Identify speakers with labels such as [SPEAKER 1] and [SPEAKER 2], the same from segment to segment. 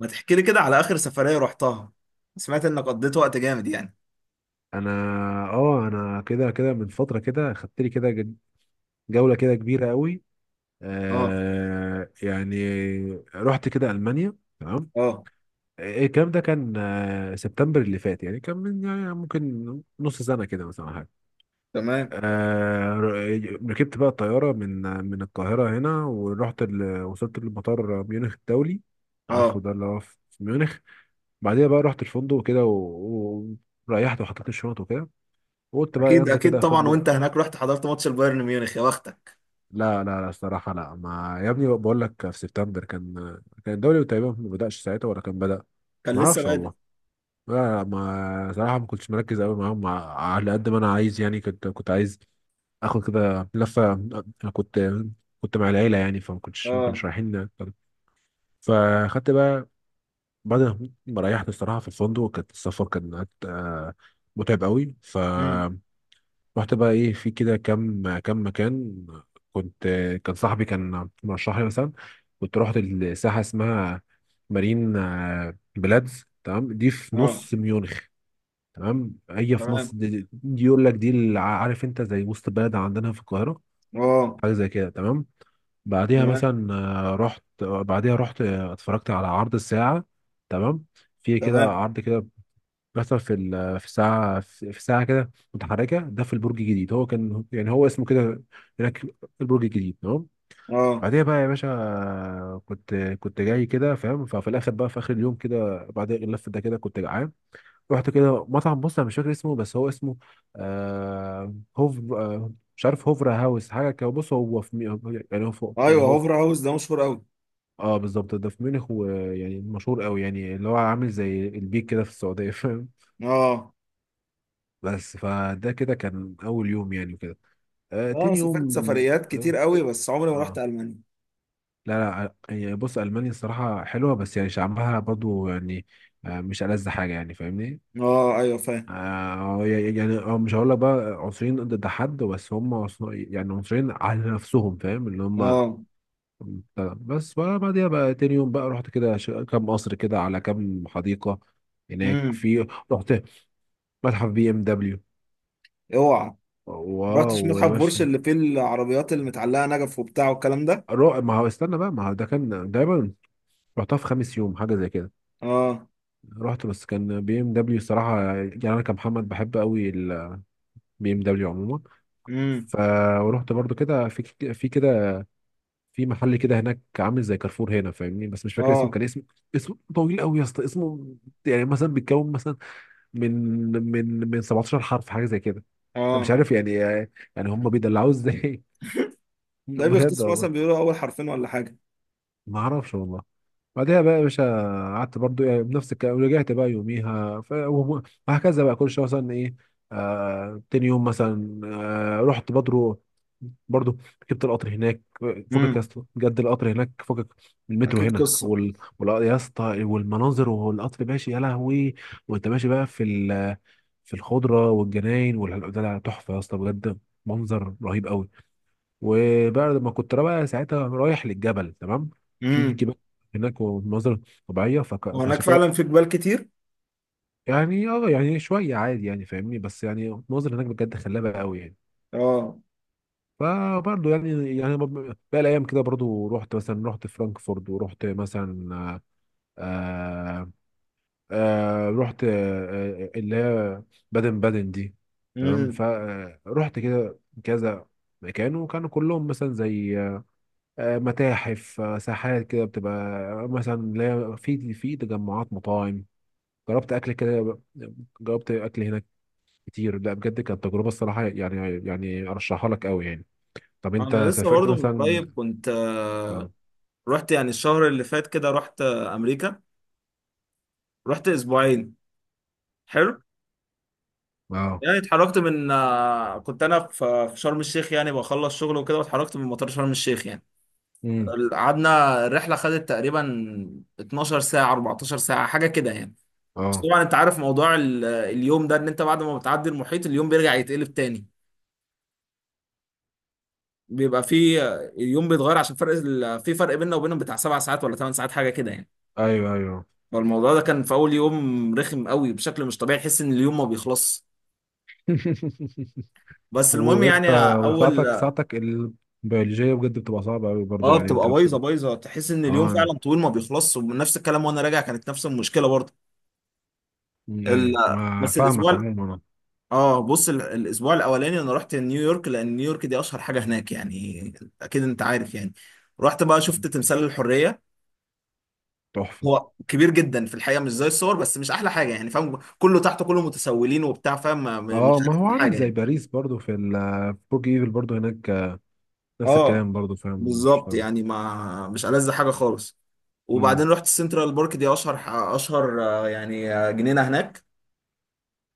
[SPEAKER 1] ما تحكي لي كده على آخر سفرية رحتها؟ سمعت إنك قضيت وقت جامد يعني.
[SPEAKER 2] انا اه انا كده من فتره كده خدت لي كده جوله كده كبيره قوي.
[SPEAKER 1] اه،
[SPEAKER 2] يعني رحت كده المانيا، تمام.
[SPEAKER 1] اه،
[SPEAKER 2] إيه الكلام ده؟ كان سبتمبر اللي فات، يعني كان من يعني ممكن نص سنه كده مثلا أو حاجه.
[SPEAKER 1] تمام،
[SPEAKER 2] ركبت بقى الطياره من القاهره هنا، ورحت وصلت لمطار ميونخ الدولي. عارفه،
[SPEAKER 1] اه.
[SPEAKER 2] ده اللي هو في ميونخ. بعديها بقى رحت الفندق كده، وريحت وحطيت الشنط وكده، وقلت بقى
[SPEAKER 1] أكيد
[SPEAKER 2] ينزل
[SPEAKER 1] أكيد
[SPEAKER 2] كده
[SPEAKER 1] طبعا،
[SPEAKER 2] اخد.
[SPEAKER 1] وأنت هناك رحت حضرت ماتش البايرن ميونخ؟ يا بختك!
[SPEAKER 2] لا لا لا، الصراحة لا، ما، يا ابني بقول لك، في سبتمبر كان الدوري تقريبا ما بدأش ساعتها، ولا كان بدأ.
[SPEAKER 1] كان
[SPEAKER 2] ما
[SPEAKER 1] لسه
[SPEAKER 2] اعرفش
[SPEAKER 1] بادئ.
[SPEAKER 2] والله. لا، لا، ما، صراحة ما كنتش مركز قوي معاهم، على قد ما انا عايز، يعني كنت عايز اخد كده لفة، انا كنت مع العيلة، يعني فما كنتش ما كناش
[SPEAKER 1] اه.
[SPEAKER 2] رايحين. فاخدت بقى، بعد ما ريحت الصراحة في الفندق، كانت السفر كان متعب قوي.
[SPEAKER 1] امم
[SPEAKER 2] رحت بقى ايه في كده كام كام مكان. كنت، كان صاحبي كان مرشح لي مثلا، كنت رحت الساحه، اسمها مارين بلادز، تمام. دي في
[SPEAKER 1] اه،
[SPEAKER 2] نص ميونخ. تمام، هي في
[SPEAKER 1] تمام،
[SPEAKER 2] نص. دي يقول لك، دي اللي عارف انت، زي وسط بلد عندنا في القاهره.
[SPEAKER 1] اه،
[SPEAKER 2] حاجه زي كده، تمام. بعديها
[SPEAKER 1] تمام،
[SPEAKER 2] مثلا آه، رحت آه، بعديها رحت اتفرجت على عرض الساعه. تمام. في كده
[SPEAKER 1] تمام،
[SPEAKER 2] عرض كده بيحصل في ساعة، في ساعة كده متحركة ده، في البرج الجديد. هو كان يعني هو اسمه كده هناك البرج الجديد، تمام.
[SPEAKER 1] اه،
[SPEAKER 2] بعديها بقى يا باشا، كنت جاي كده، فاهم. ففي الاخر بقى في اخر اليوم كده، بعد اللف ده كده، كنت جعان. رحت كده مطعم. بص، انا مش فاكر اسمه، بس هو اسمه هوف، مش عارف، هوفرا هاوس، حاجه كده. بص، هو في يعني هو فوق،
[SPEAKER 1] أيوه.
[SPEAKER 2] يعني هو في.
[SPEAKER 1] هوفر هاوس ده مشهور أوي.
[SPEAKER 2] اه، بالظبط، ده في ميونخ، ويعني مشهور قوي يعني، اللي هو عامل زي البيك كده في السعوديه.
[SPEAKER 1] اه.
[SPEAKER 2] بس فده كده كان اول يوم يعني، وكده.
[SPEAKER 1] أنا
[SPEAKER 2] تاني
[SPEAKER 1] سافرت
[SPEAKER 2] يوم
[SPEAKER 1] سفريات
[SPEAKER 2] اه
[SPEAKER 1] كتير أوي بس عمري ما رحت
[SPEAKER 2] آه.
[SPEAKER 1] ألمانيا.
[SPEAKER 2] لا. لا، هي بص، المانيا الصراحه حلوه، بس يعني شعبها برضو يعني مش ألذ حاجه، يعني فاهمني.
[SPEAKER 1] اه، أيوه فاهم.
[SPEAKER 2] يعني مش هقول لك بقى عنصريين ضد حد، بس هم يعني عنصريين على نفسهم، فاهم، اللي هم.
[SPEAKER 1] اه.
[SPEAKER 2] بس بقى، بعديها بقى تاني يوم بقى، رحت كده كام قصر كده، على كام حديقه هناك.
[SPEAKER 1] امم
[SPEAKER 2] في، رحت متحف بي ام دبليو.
[SPEAKER 1] اوعى! ما رحتش
[SPEAKER 2] واو يا
[SPEAKER 1] متحف بورش
[SPEAKER 2] باشا.
[SPEAKER 1] اللي فيه العربيات المتعلقة نجف وبتاع والكلام ده.
[SPEAKER 2] ما هو استنى بقى، ما هو ده كان دايما. رحتها في خامس يوم، حاجه زي كده.
[SPEAKER 1] اه.
[SPEAKER 2] رحت، بس كان بي ام دبليو الصراحه، يعني انا كمحمد بحب قوي البي ام دبليو عموما.
[SPEAKER 1] امم
[SPEAKER 2] ف ورحت برضو كده في، في كده في محل كده هناك، عامل زي كارفور هنا، فاهمني، بس مش فاكر اسمه.
[SPEAKER 1] اه،
[SPEAKER 2] كان اسمه، اسمه طويل قوي يا اسطى. اسمه يعني مثلا بيتكون مثلا، من من 17 حرف، حاجه زي كده. انا مش
[SPEAKER 1] اه،
[SPEAKER 2] عارف يعني هم بيدلعوه ازاي.
[SPEAKER 1] تلاقيه
[SPEAKER 2] بجد
[SPEAKER 1] بيختصروا مثلا
[SPEAKER 2] والله.
[SPEAKER 1] بيقولوا اول حرفين ولا حاجه.
[SPEAKER 2] ما اعرفش والله. بعدها بقى يا باشا، قعدت برضو يعني بنفس الكلام، رجعت بقى يوميها، وهكذا بقى، كل شويه مثلا ايه. تاني يوم مثلا، رحت برضو. برضو ركبت القطر هناك. فكك يا
[SPEAKER 1] امم
[SPEAKER 2] اسطى، بجد، القطر هناك فكك. من المترو
[SPEAKER 1] اكيد
[SPEAKER 2] هنا،
[SPEAKER 1] قصه.
[SPEAKER 2] يا اسطى، والمناظر والقطر ماشي، يا لهوي. وانت ماشي بقى في الخضره والجناين، ده تحفه يا اسطى، بجد. منظر رهيب قوي. وبعد ما كنت بقى ساعتها رايح للجبل، تمام. في
[SPEAKER 1] امم
[SPEAKER 2] جبال هناك ومناظر طبيعيه،
[SPEAKER 1] وهناك
[SPEAKER 2] فعشان كده.
[SPEAKER 1] فعلا في جبال كتير.
[SPEAKER 2] يعني شويه عادي، يعني فاهمني، بس يعني المناظر هناك بجد خلابه قوي يعني.
[SPEAKER 1] اه.
[SPEAKER 2] فبرضه يعني بقى الايام كده برضه، رحت فرانكفورت، ورحت مثلا آه رحت اللي هي بادن بادن دي، تمام.
[SPEAKER 1] امم
[SPEAKER 2] فرحت كده كذا مكان، وكانوا كلهم مثلا زي متاحف، ساحات كده بتبقى مثلا، اللي هي في تجمعات مطاعم. جربت اكل كده، جربت اكل هناك كتير. لا بجد، كانت تجربه الصراحه يعني ارشحها لك قوي يعني. طب انت
[SPEAKER 1] انا لسه
[SPEAKER 2] سافرت
[SPEAKER 1] برضه من
[SPEAKER 2] مثلا؟
[SPEAKER 1] قريب كنت،
[SPEAKER 2] اه.
[SPEAKER 1] رحت يعني الشهر اللي فات كده، رحت امريكا. رحت اسبوعين. حلو.
[SPEAKER 2] اه.
[SPEAKER 1] يعني اتحركت من، كنت انا في شرم الشيخ يعني بخلص شغل وكده، واتحركت من مطار شرم الشيخ يعني.
[SPEAKER 2] امم.
[SPEAKER 1] قعدنا الرحله، خدت تقريبا 12 ساعه، 14 ساعه، حاجه كده يعني. بس
[SPEAKER 2] اه.
[SPEAKER 1] طبعا انت عارف موضوع اليوم ده، ان انت بعد ما بتعدي المحيط اليوم بيرجع يتقلب تاني. بيبقى فيه اليوم بيتغير، عشان فرق في فرق بيننا وبينهم بتاع 7 ساعات ولا 8 ساعات، حاجه كده يعني.
[SPEAKER 2] ايوه، ايوه.
[SPEAKER 1] فالموضوع ده كان في اول يوم رخم قوي بشكل مش طبيعي، تحس ان اليوم ما بيخلصش. بس المهم
[SPEAKER 2] ويا
[SPEAKER 1] يعني
[SPEAKER 2] اسطى،
[SPEAKER 1] اول.
[SPEAKER 2] وساعتك، ساعتك البيولوجيه بجد بتبقى صعبه قوي برضه،
[SPEAKER 1] اه،
[SPEAKER 2] يعني انت
[SPEAKER 1] بتبقى بايظه
[SPEAKER 2] بتبقى.
[SPEAKER 1] بايظه، تحس ان اليوم
[SPEAKER 2] اه،
[SPEAKER 1] فعلا طويل ما بيخلصش، ونفس الكلام وانا راجع كانت نفس المشكله برضه.
[SPEAKER 2] أمم،
[SPEAKER 1] ال...
[SPEAKER 2] ايوه، ما
[SPEAKER 1] بس
[SPEAKER 2] فاهمك
[SPEAKER 1] الاسبوع.
[SPEAKER 2] عموما أنا.
[SPEAKER 1] اه بص، الاسبوع الاولاني انا رحت نيويورك، لان نيويورك دي اشهر حاجه هناك يعني. اكيد انت عارف يعني. رحت بقى شفت تمثال الحريه.
[SPEAKER 2] تحفه.
[SPEAKER 1] هو كبير جدا في الحقيقه مش زي الصور، بس مش احلى حاجه يعني فاهم، كله تحته كله متسولين وبتاع فاهم، مش
[SPEAKER 2] اه، ما هو
[SPEAKER 1] احسن
[SPEAKER 2] عامل
[SPEAKER 1] حاجه
[SPEAKER 2] زي
[SPEAKER 1] يعني.
[SPEAKER 2] باريس برضو، في البرج ايفل برضو هناك، نفس
[SPEAKER 1] اه،
[SPEAKER 2] الكلام برضو، فاهم، مش
[SPEAKER 1] بالظبط
[SPEAKER 2] طب.
[SPEAKER 1] يعني، ما مش ألذ حاجه خالص.
[SPEAKER 2] امم.
[SPEAKER 1] وبعدين رحت سنترال بارك، دي اشهر اشهر يعني جنينه هناك.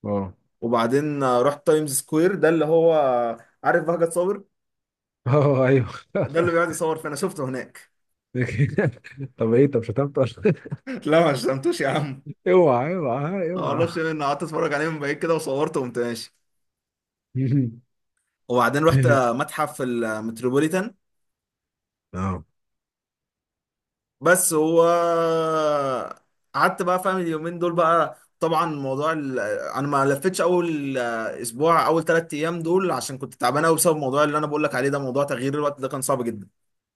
[SPEAKER 2] اه.
[SPEAKER 1] وبعدين رحت تايمز سكوير، ده اللي هو عارف بهجت صابر؟
[SPEAKER 2] اه. ايوه.
[SPEAKER 1] ده اللي بيقعد يصور، فانا شفته هناك.
[SPEAKER 2] طب ايه، طب شتمت؟
[SPEAKER 1] لا، ما شتمتوش يا عم.
[SPEAKER 2] اوعى، اوعى،
[SPEAKER 1] ما
[SPEAKER 2] اوعى.
[SPEAKER 1] اعرفش إيه، انا قعدت اتفرج عليه من بعيد كده وصورته وقمت ماشي. وبعدين رحت متحف المتروبوليتان.
[SPEAKER 2] اه،
[SPEAKER 1] بس هو قعدت بقى فاهم اليومين دول بقى، طبعا موضوع انا ما لفتش اول اسبوع، اول 3 ايام دول عشان كنت تعبان قوي، بسبب الموضوع اللي انا بقول لك عليه ده، موضوع تغيير الوقت ده كان صعب جدا.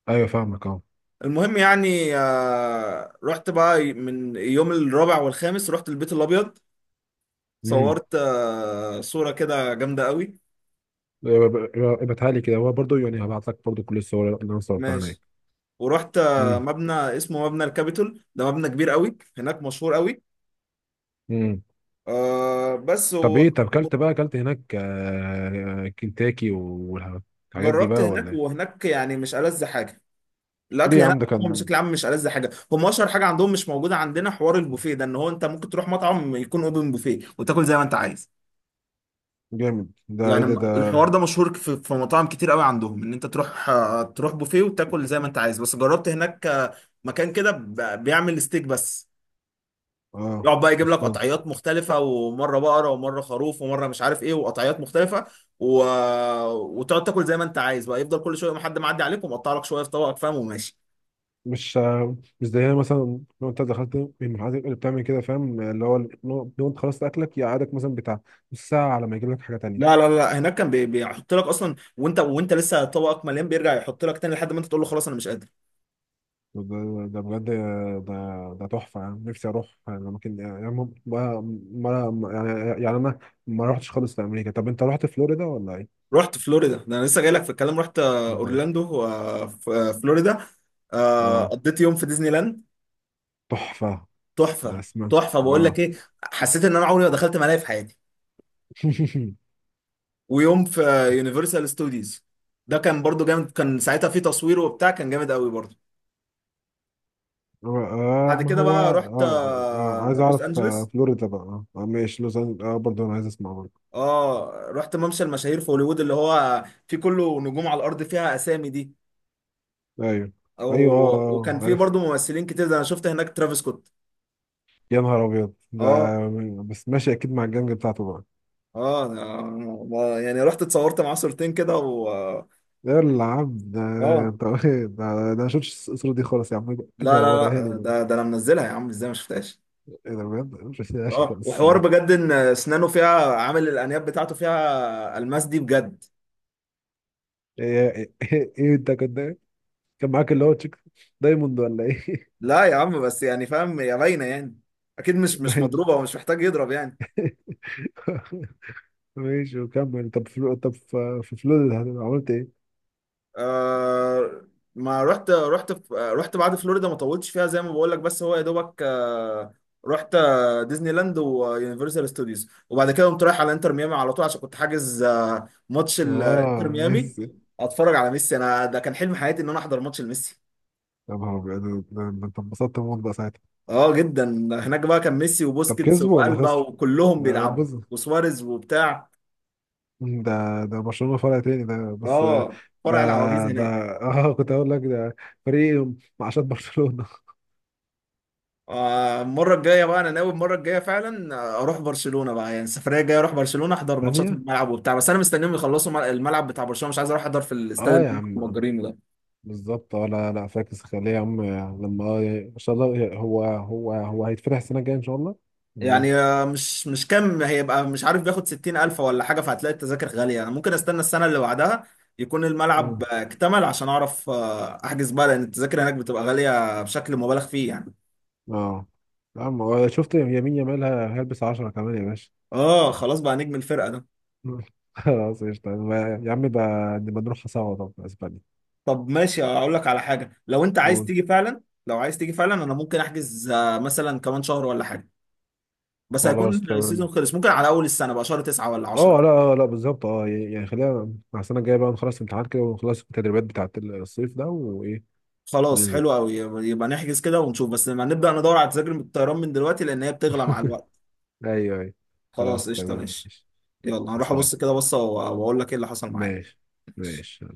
[SPEAKER 2] ايوه، فاهمك، اه.
[SPEAKER 1] المهم يعني رحت بقى من يوم الرابع والخامس رحت البيت الابيض.
[SPEAKER 2] امم.
[SPEAKER 1] صورت صورة كده جامدة قوي.
[SPEAKER 2] ابعتها لي كده، هو برضو يعني، هبعت لك برضو كل الصور اللي انا صورتها
[SPEAKER 1] ماشي.
[SPEAKER 2] هناك.
[SPEAKER 1] ورحت
[SPEAKER 2] امم.
[SPEAKER 1] مبنى اسمه مبنى الكابيتول، ده مبنى كبير قوي هناك، مشهور قوي.
[SPEAKER 2] امم.
[SPEAKER 1] آه بس
[SPEAKER 2] طب
[SPEAKER 1] و-
[SPEAKER 2] ايه، طب كلت بقى، كلت هناك كنتاكي والحاجات دي
[SPEAKER 1] وجربت
[SPEAKER 2] بقى، ولا
[SPEAKER 1] هناك،
[SPEAKER 2] ايه؟
[SPEAKER 1] وهناك يعني مش ألذ حاجة
[SPEAKER 2] ليه
[SPEAKER 1] الأكل
[SPEAKER 2] يا
[SPEAKER 1] هناك.
[SPEAKER 2] عم، ده
[SPEAKER 1] هو
[SPEAKER 2] كان
[SPEAKER 1] بشكل عام مش ألذ حاجة. هم أشهر حاجة عندهم مش موجودة عندنا، حوار البوفيه ده، إن هو أنت ممكن تروح مطعم يكون أوبن بوفيه وتاكل زي ما أنت عايز.
[SPEAKER 2] جامد، ده ايه
[SPEAKER 1] يعني
[SPEAKER 2] ده ده؟
[SPEAKER 1] الحوار ده مشهور في مطاعم كتير قوي عندهم، ان انت تروح تروح بوفيه وتاكل زي ما انت عايز. بس جربت هناك مكان كده بيعمل ستيك بس.
[SPEAKER 2] اه،
[SPEAKER 1] يقعد بقى يجيب لك
[SPEAKER 2] اسمه ده.
[SPEAKER 1] قطعيات مختلفة، ومرة بقرة ومرة خروف ومرة مش عارف ايه، وقطعيات مختلفة و... وتقعد تاكل زي ما انت عايز بقى، يفضل كل شوية ما حد معدي عليك ومقطع لك شوية في طبقك فاهم وماشي.
[SPEAKER 2] مش مش زيها مثلا، لو انت دخلت من المحلات اللي بتعمل كده، فاهم، اللي هو، لو انت خلصت اكلك، يقعدك مثلا بتاع نص ساعه على ما يجيب لك حاجه
[SPEAKER 1] لا
[SPEAKER 2] تانية.
[SPEAKER 1] لا لا، هناك كان بيحط لك اصلا، وانت لسه طبقك مليان بيرجع يحط لك تاني، لحد ما انت تقول له خلاص انا مش قادر.
[SPEAKER 2] ده ده بجد، ده تحفه، يعني نفسي اروح اماكن، يعني ما يعني انا ما رحتش خالص لامريكا. طب انت رحت فلوريدا ولا ايه؟
[SPEAKER 1] رحت فلوريدا، ده انا لسه جاي لك في الكلام. رحت
[SPEAKER 2] ده-
[SPEAKER 1] اورلاندو في فلوريدا.
[SPEAKER 2] اه،
[SPEAKER 1] قضيت يوم في ديزني لاند.
[SPEAKER 2] تحفه. أنا
[SPEAKER 1] تحفة!
[SPEAKER 2] اسمع.
[SPEAKER 1] تحفة بقول
[SPEAKER 2] اه.
[SPEAKER 1] لك ايه. حسيت ان انا عمري ما دخلت ملاهي في حياتي. ويوم في يونيفرسال ستوديوز، ده كان برضو جامد. كان ساعتها في تصوير وبتاع، كان جامد قوي برضو. بعد
[SPEAKER 2] ما
[SPEAKER 1] كده
[SPEAKER 2] هو،
[SPEAKER 1] بقى رحت
[SPEAKER 2] عايز
[SPEAKER 1] لوس
[SPEAKER 2] اعرف
[SPEAKER 1] انجلوس.
[SPEAKER 2] فلوريدا بقى، ماشي، لوز أنجل- اه برضه انا عايز اسمع.
[SPEAKER 1] اه، رحت ممشى المشاهير في هوليوود، اللي هو في كله نجوم على الارض فيها اسامي دي.
[SPEAKER 2] ايوه،
[SPEAKER 1] او،
[SPEAKER 2] ايوه. اه، اه،
[SPEAKER 1] وكان في
[SPEAKER 2] عارف.
[SPEAKER 1] برضو ممثلين كتير، ده انا شفت هناك ترافيس سكوت.
[SPEAKER 2] يا نهار ابيض ده.
[SPEAKER 1] اه،
[SPEAKER 2] بس ماشي، اكيد مع الجنج بتاعته بقى.
[SPEAKER 1] اه، يعني رحت اتصورت معاه صورتين كده و اه.
[SPEAKER 2] يا العب ده.
[SPEAKER 1] آه.
[SPEAKER 2] انت! ده ما شفتش الصورة دي خالص يا عم، يبقى
[SPEAKER 1] لا لا
[SPEAKER 2] وريها لي
[SPEAKER 1] لا،
[SPEAKER 2] بقى.
[SPEAKER 1] ده ده انا منزلها يا عم ازاي ما شفتهاش؟
[SPEAKER 2] ايه ده بجد، ما شفتهاش
[SPEAKER 1] اه،
[SPEAKER 2] خالص
[SPEAKER 1] وحوار
[SPEAKER 2] الصراحة.
[SPEAKER 1] بجد، ان اسنانه فيها عامل الانياب بتاعته فيها الماس دي بجد.
[SPEAKER 2] ايه، ايه، ايه، إيه، إيه، انت كنت إيه؟ كان معاك اللي هو تشيك دايموند، ولا ايه؟
[SPEAKER 1] لا يا عم، بس يعني فاهم يا باينه يعني. اكيد مش
[SPEAKER 2] باين.
[SPEAKER 1] مضروبه، ومش محتاج يضرب يعني.
[SPEAKER 2] ماشي، وكمل. طب في فلول عملت ايه؟
[SPEAKER 1] آه، ما رحت رحت في رحت بعد فلوريدا ما طولتش فيها زي ما بقول لك، بس هو يا دوبك آه. رحت ديزني لاند ويونيفرسال ستوديوز، وبعد كده قمت رايح على انتر ميامي على طول، عشان كنت حاجز آه ماتش الانتر
[SPEAKER 2] اه،
[SPEAKER 1] ميامي.
[SPEAKER 2] ميسي.
[SPEAKER 1] اتفرج على ميسي. انا ده كان حلم حياتي ان انا احضر ماتش لميسي.
[SPEAKER 2] يا نهار ابيض، ده انت انبسطت موت بقى ساعتها.
[SPEAKER 1] اه جدا. هناك بقى كان ميسي
[SPEAKER 2] طب
[SPEAKER 1] وبوسكيتس
[SPEAKER 2] كسبوا ولا
[SPEAKER 1] والبا
[SPEAKER 2] خسروا؟
[SPEAKER 1] وكلهم
[SPEAKER 2] لا،
[SPEAKER 1] بيلعبوا،
[SPEAKER 2] بص.
[SPEAKER 1] وسواريز وبتاع.
[SPEAKER 2] ده برشلونة فرع تاني ده، بس
[SPEAKER 1] اه،
[SPEAKER 2] ده
[SPEAKER 1] فرع العواجيز
[SPEAKER 2] ده
[SPEAKER 1] هناك.
[SPEAKER 2] اه كنت اقول لك، ده فريق معاشات برشلونة.
[SPEAKER 1] المره الجايه بقى انا ناوي المره الجايه فعلا، اروح برشلونه بقى. يعني السفريه الجايه اروح برشلونه، احضر ماتشات في
[SPEAKER 2] ثانية.
[SPEAKER 1] الملعب وبتاع. بس انا مستنيهم يخلصوا الملعب بتاع برشلونه. مش عايز اروح احضر في الاستاد
[SPEAKER 2] اه،
[SPEAKER 1] اللي
[SPEAKER 2] يا
[SPEAKER 1] هم
[SPEAKER 2] عم،
[SPEAKER 1] مأجرينه ده.
[SPEAKER 2] بالظبط. اه، لا، لا فاكس، خليه يا عم. لما، ان شاء الله، هو هيتفتح السنة الجاية ان شاء الله، ولا
[SPEAKER 1] يعني
[SPEAKER 2] ايه؟
[SPEAKER 1] مش كام هيبقى، مش عارف بياخد 60 ألف ولا حاجة. فهتلاقي التذاكر غالية. أنا ممكن استنى السنة اللي بعدها يكون الملعب
[SPEAKER 2] مم.
[SPEAKER 1] اكتمل عشان أعرف أحجز بقى، لأن التذاكر هناك بتبقى غالية بشكل مبالغ فيه يعني.
[SPEAKER 2] اه، يا عم، هو شفت يمين يامال هيلبس 10 كمان يا باشا.
[SPEAKER 1] آه، خلاص بقى نجم الفرقة ده.
[SPEAKER 2] مم. خلاص، قشطة. يا عم بقى، نبقى نروح سوا طب اسبانيا.
[SPEAKER 1] طب ماشي، أقول لك على حاجة. لو أنت عايز
[SPEAKER 2] قول.
[SPEAKER 1] تيجي فعلا، لو عايز تيجي فعلا أنا ممكن أحجز مثلا كمان شهر ولا حاجة. بس
[SPEAKER 2] خلاص،
[SPEAKER 1] هيكون السيزون
[SPEAKER 2] تمام.
[SPEAKER 1] خلص، ممكن على أول السنة بقى، شهر 9 ولا عشرة.
[SPEAKER 2] اه لا، لا، بالظبط. اه يعني خلينا مع السنه الجايه بقى، نخلص الامتحانات كده، ونخلص التدريبات بتاعت الصيف ده وايه.
[SPEAKER 1] خلاص
[SPEAKER 2] وننزل.
[SPEAKER 1] حلو أوي، يبقى نحجز كده ونشوف. بس لما نبدأ ندور على تذاكر الطيران من دلوقتي، لأن هي بتغلى مع الوقت.
[SPEAKER 2] ايوه، ايوه.
[SPEAKER 1] خلاص
[SPEAKER 2] خلاص،
[SPEAKER 1] قشطة
[SPEAKER 2] تمام،
[SPEAKER 1] ماشي.
[SPEAKER 2] ماشي.
[SPEAKER 1] يلا،
[SPEAKER 2] مع
[SPEAKER 1] هروح
[SPEAKER 2] السلامه.
[SPEAKER 1] أبص كده بصة وأقول لك إيه اللي حصل معايا.
[SPEAKER 2] ماشي. ماشي.